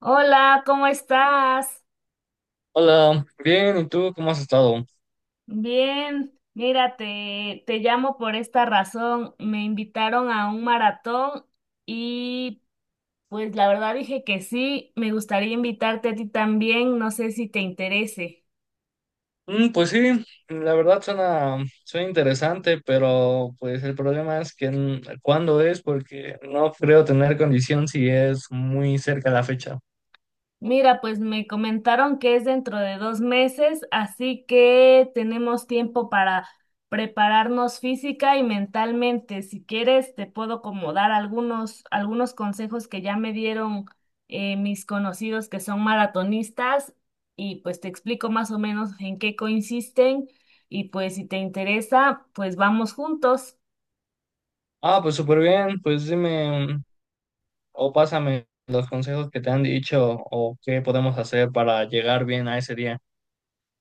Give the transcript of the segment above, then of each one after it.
Hola, ¿cómo estás? Hola, bien, ¿y tú cómo has estado? Bien, mira, te llamo por esta razón. Me invitaron a un maratón y pues la verdad dije que sí, me gustaría invitarte a ti también, no sé si te interese. Pues sí, la verdad suena interesante, pero pues el problema es que cuándo es, porque no creo tener condición si es muy cerca la fecha. Mira, pues me comentaron que es dentro de 2 meses, así que tenemos tiempo para prepararnos física y mentalmente. Si quieres, te puedo como dar algunos consejos que ya me dieron mis conocidos que son maratonistas y pues te explico más o menos en qué consisten y pues si te interesa, pues vamos juntos. Ah, pues súper bien, pues dime o pásame los consejos que te han dicho o qué podemos hacer para llegar bien a ese día.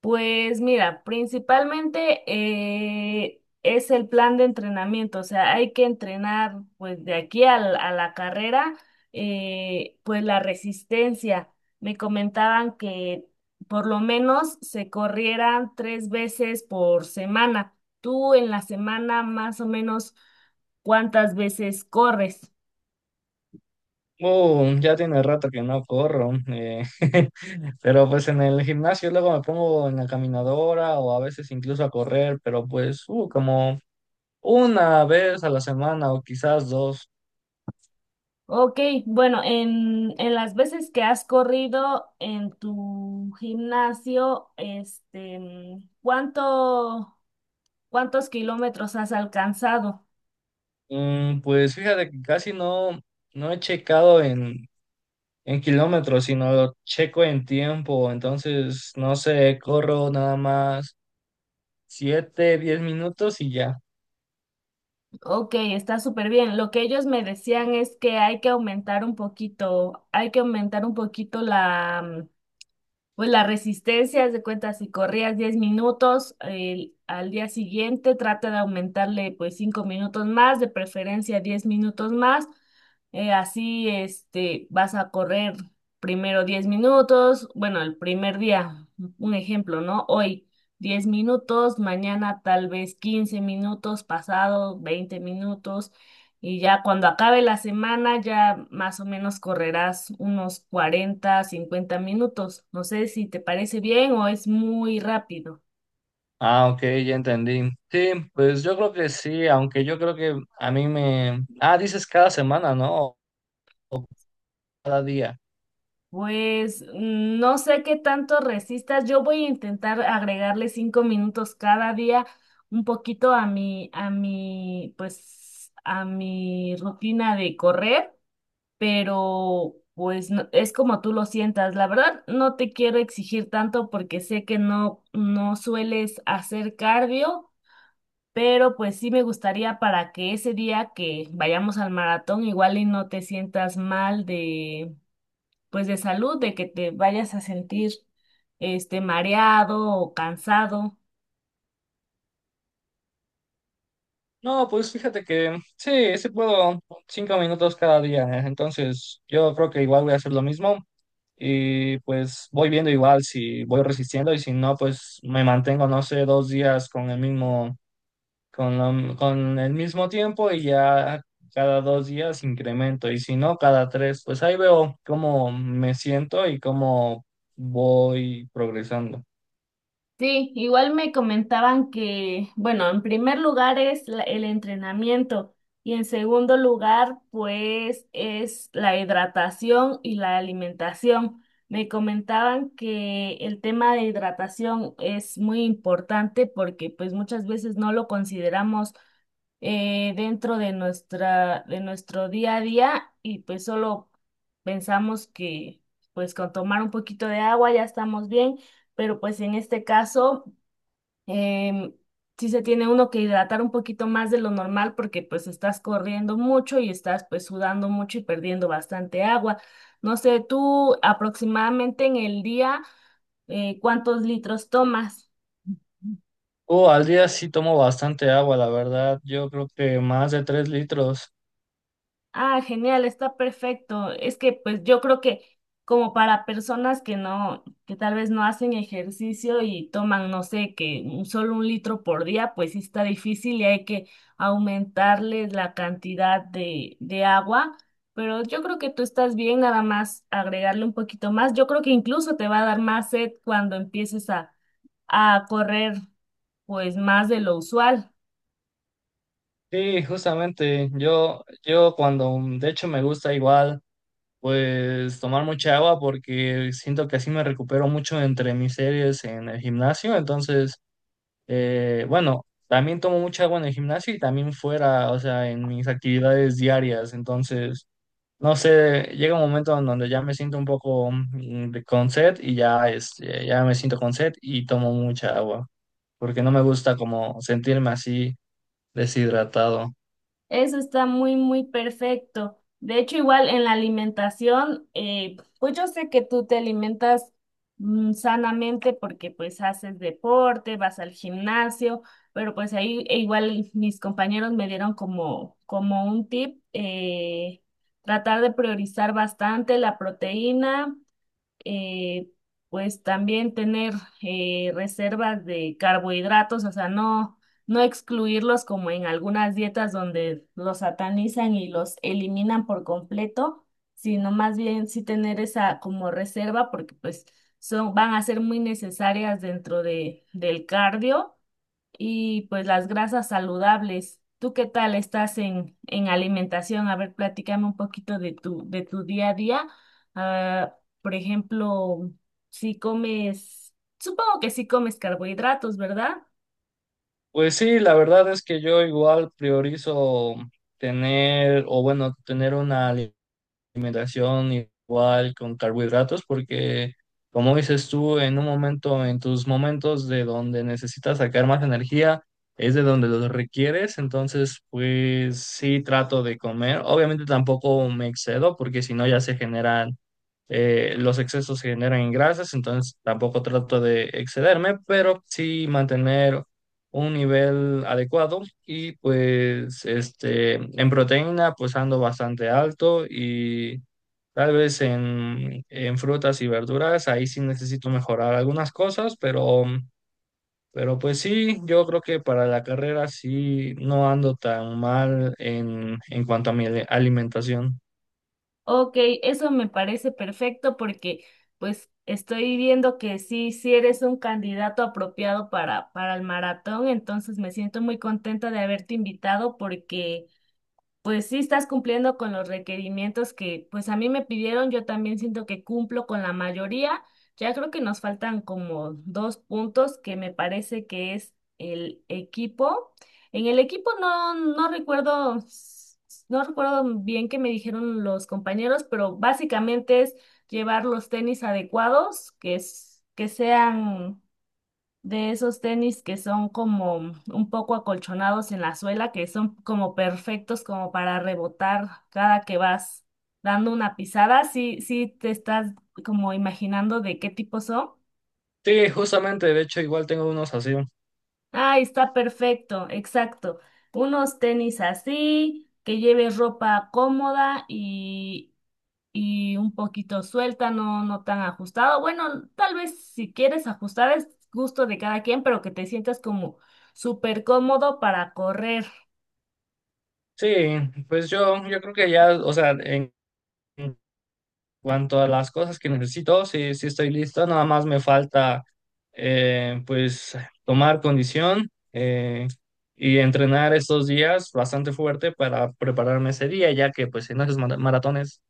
Pues mira, principalmente es el plan de entrenamiento, o sea, hay que entrenar pues de aquí a la carrera, pues la resistencia. Me comentaban que por lo menos se corrieran 3 veces por semana. ¿Tú en la semana más o menos cuántas veces corres? Ya tiene rato que no corro, pero pues en el gimnasio luego me pongo en la caminadora o a veces incluso a correr, pero pues como una vez a la semana o quizás dos. Ok, bueno, en las veces que has corrido en tu gimnasio, este, mm, ¿ cuántos kilómetros has alcanzado? Pues fíjate que casi no, no he checado en kilómetros, sino lo checo en tiempo, entonces no sé, corro nada más 7, 10 minutos y ya. Ok, está súper bien. Lo que ellos me decían es que hay que aumentar un poquito, hay que aumentar un poquito. Pues la resistencia, haz de cuenta, si corrías 10 minutos, al día siguiente trata de aumentarle pues 5 minutos más, de preferencia 10 minutos más. Así este, vas a correr primero 10 minutos, bueno, el primer día, un ejemplo, ¿no? Hoy 10 minutos, mañana tal vez 15 minutos, pasado 20 minutos. Y ya cuando acabe la semana, ya más o menos correrás unos 40-50 minutos. No sé si te parece bien o es muy rápido. Ah, ok, ya entendí. Sí, pues yo creo que sí, aunque yo creo que a mí me... Ah, dices cada semana, ¿no? O cada día. Pues no sé qué tanto resistas. Yo voy a intentar agregarle 5 minutos cada día, un poquito a mi rutina de correr. Pero pues es como tú lo sientas. La verdad, no te quiero exigir tanto porque sé que no sueles hacer cardio, pero pues sí me gustaría para que ese día que vayamos al maratón igual y no te sientas mal de, pues de salud, de que te vayas a sentir este mareado o cansado. No, pues fíjate que sí puedo 5 minutos cada día, ¿eh? Entonces yo creo que igual voy a hacer lo mismo y pues voy viendo igual si voy resistiendo y si no, pues me mantengo, no sé, dos días con el mismo... con, con el mismo tiempo y ya cada dos días incremento y si no, cada tres, pues ahí veo cómo me siento y cómo voy progresando. Sí, igual me comentaban que, bueno, en primer lugar es el entrenamiento y en segundo lugar, pues es la hidratación y la alimentación. Me comentaban que el tema de hidratación es muy importante porque pues muchas veces no lo consideramos dentro de nuestro día a día y pues solo pensamos que pues con tomar un poquito de agua ya estamos bien, pero pues en este caso em, sí se tiene uno que hidratar un poquito más de lo normal porque pues estás corriendo mucho y estás pues sudando mucho y perdiendo bastante agua. No sé, tú aproximadamente en el día, ¿cuántos litros tomas? Al día sí tomo bastante agua, la verdad, yo creo que más de 3 litros. Ah, genial, está perfecto. Es que pues yo creo que como para personas que no, que tal vez no hacen ejercicio y toman, no sé, que solo 1 litro por día, pues sí está difícil y hay que aumentarles la cantidad de agua. Pero yo creo que tú estás bien, nada más agregarle un poquito más. Yo creo que incluso te va a dar más sed cuando empieces a correr pues más de lo usual. Sí, justamente, yo cuando, de hecho me gusta igual, pues tomar mucha agua porque siento que así me recupero mucho entre mis series en el gimnasio, entonces... bueno, también tomo mucha agua en el gimnasio y también fuera, o sea, en mis actividades diarias. Entonces, no sé, llega un momento en donde ya me siento un poco con sed y ya, este, ya me siento con sed y tomo mucha agua, porque no me gusta como sentirme así deshidratado. Eso está muy, muy perfecto. De hecho, igual en la alimentación, pues yo sé que tú te alimentas sanamente porque pues haces deporte, vas al gimnasio, pero pues ahí e igual mis compañeros me dieron como, como un tip, tratar de priorizar bastante la proteína, eh, pues también tener reservas de carbohidratos, o sea, no excluirlos como en algunas dietas donde los satanizan y los eliminan por completo, sino más bien sí tener esa como reserva porque pues son, van a ser muy necesarias dentro del cardio y pues las grasas saludables. ¿Tú qué tal estás en alimentación? A ver, platícame un poquito de tu día a día. Ah, por ejemplo, si comes, supongo que sí comes carbohidratos, ¿verdad? Pues sí, la verdad es que yo igual priorizo tener, o bueno, tener una alimentación igual con carbohidratos porque, como dices tú, en un momento, en tus momentos de donde necesitas sacar más energía, es de donde los requieres, entonces pues sí trato de comer. Obviamente tampoco me excedo porque si no ya se generan, los excesos se generan en grasas, entonces tampoco trato de excederme, pero sí mantener un nivel adecuado y pues este en proteína pues ando bastante alto y tal vez en frutas y verduras ahí sí necesito mejorar algunas cosas, pero pues sí, yo creo que para la carrera sí no ando tan mal en cuanto a mi alimentación. Ok, eso me parece perfecto porque pues estoy viendo que sí, sí eres un candidato apropiado para el maratón, entonces me siento muy contenta de haberte invitado porque pues sí estás cumpliendo con los requerimientos que pues a mí me pidieron, yo también siento que cumplo con la mayoría. Ya creo que nos faltan como dos puntos que me parece que es el equipo. En el equipo no recuerdo, no recuerdo bien qué me dijeron los compañeros, pero básicamente es llevar los tenis adecuados, que es, que sean de esos tenis que son como un poco acolchonados en la suela, que son como perfectos como para rebotar cada que vas dando una pisada. Sí, sí te estás como imaginando de qué tipo son. Sí, justamente, de hecho igual tengo unos así. Ah, está perfecto, exacto. Unos tenis así, que lleves ropa cómoda y un poquito suelta, no tan ajustado. Bueno, tal vez si quieres ajustar es gusto de cada quien, pero que te sientas como súper cómodo para correr. Sí, pues yo creo que ya, o sea, en cuanto a las cosas que necesito, sí, sí estoy listo, nada más me falta pues tomar condición y entrenar estos días bastante fuerte para prepararme ese día, ya que pues en esos maratones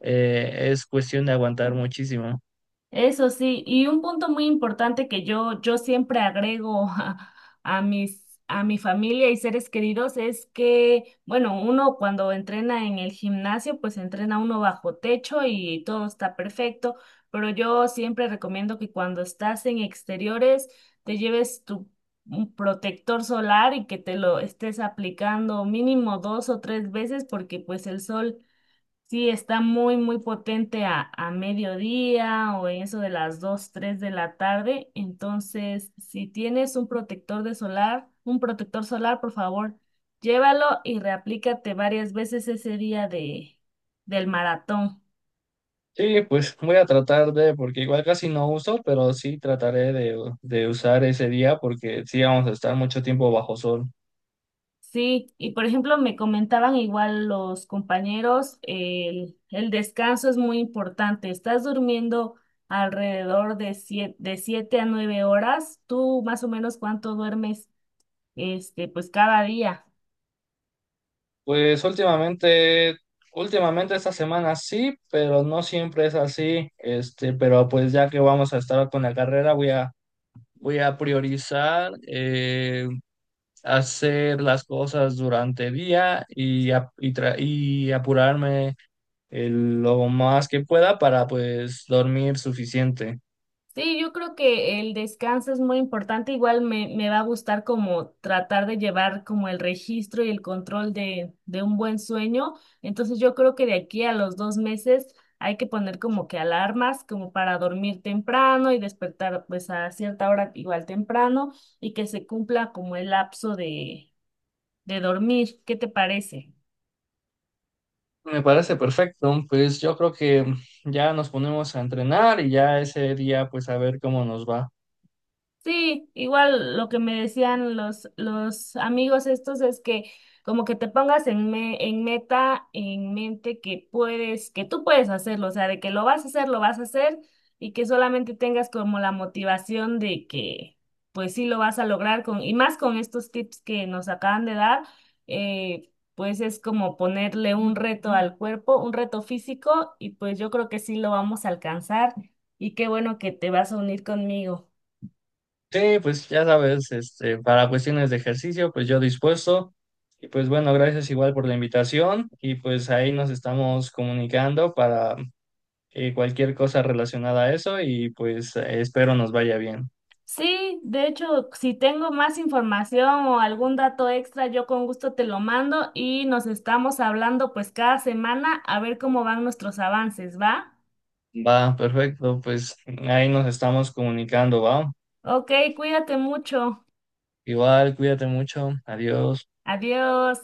es cuestión de aguantar muchísimo. Eso sí, y un punto muy importante que yo siempre agrego a mis, a mi familia y seres queridos es que, bueno, uno cuando entrena en el gimnasio, pues entrena uno bajo techo y todo está perfecto, pero yo siempre recomiendo que cuando estás en exteriores te lleves tu un protector solar y que te lo estés aplicando mínimo 2 o 3 veces porque pues el sol sí, está muy, muy potente a mediodía o en eso de las 2, 3 de la tarde. Entonces, si tienes un protector de solar, un protector solar, por favor, llévalo y reaplícate varias veces ese día de, del maratón. Sí, pues voy a tratar de, porque igual casi no uso, pero sí trataré de usar ese día porque sí vamos a estar mucho tiempo bajo sol. Sí, y por ejemplo, me comentaban igual los compañeros, el descanso es muy importante. Estás durmiendo alrededor de 7 a 9 horas. ¿Tú más o menos cuánto duermes? Este, pues cada día. Pues últimamente esta semana sí, pero no siempre es así. Este, pero pues ya que vamos a estar con la carrera, voy a priorizar hacer las cosas durante el día y apurarme lo más que pueda para pues dormir suficiente. Sí, yo creo que el descanso es muy importante. Igual me va a gustar como tratar de llevar como el registro y el control de un buen sueño. Entonces yo creo que de aquí a los 2 meses hay que poner como que alarmas como para dormir temprano y despertar pues a cierta hora igual temprano y que se cumpla como el lapso de dormir. ¿Qué te parece? Me parece perfecto. Pues yo creo que ya nos ponemos a entrenar y ya ese día pues a ver cómo nos va. Sí, igual lo que me decían los amigos estos es que como que te pongas en meta, en mente que puedes, que tú puedes hacerlo, o sea, de que lo vas a hacer, lo vas a hacer y que solamente tengas como la motivación de que pues sí lo vas a lograr con, y más con estos tips que nos acaban de dar, pues es como ponerle un reto al cuerpo, un reto físico y pues yo creo que sí lo vamos a alcanzar y qué bueno que te vas a unir conmigo. Sí, pues ya sabes, este, para cuestiones de ejercicio, pues yo dispuesto. Y pues bueno, gracias igual por la invitación y pues ahí nos estamos comunicando para cualquier cosa relacionada a eso y pues espero nos vaya bien. Sí, de hecho, si tengo más información o algún dato extra, yo con gusto te lo mando y nos estamos hablando pues cada semana a ver cómo van nuestros avances, ¿va? Va, perfecto, pues ahí nos estamos comunicando, va. Ok, cuídate mucho. Igual, cuídate mucho, adiós. Adiós.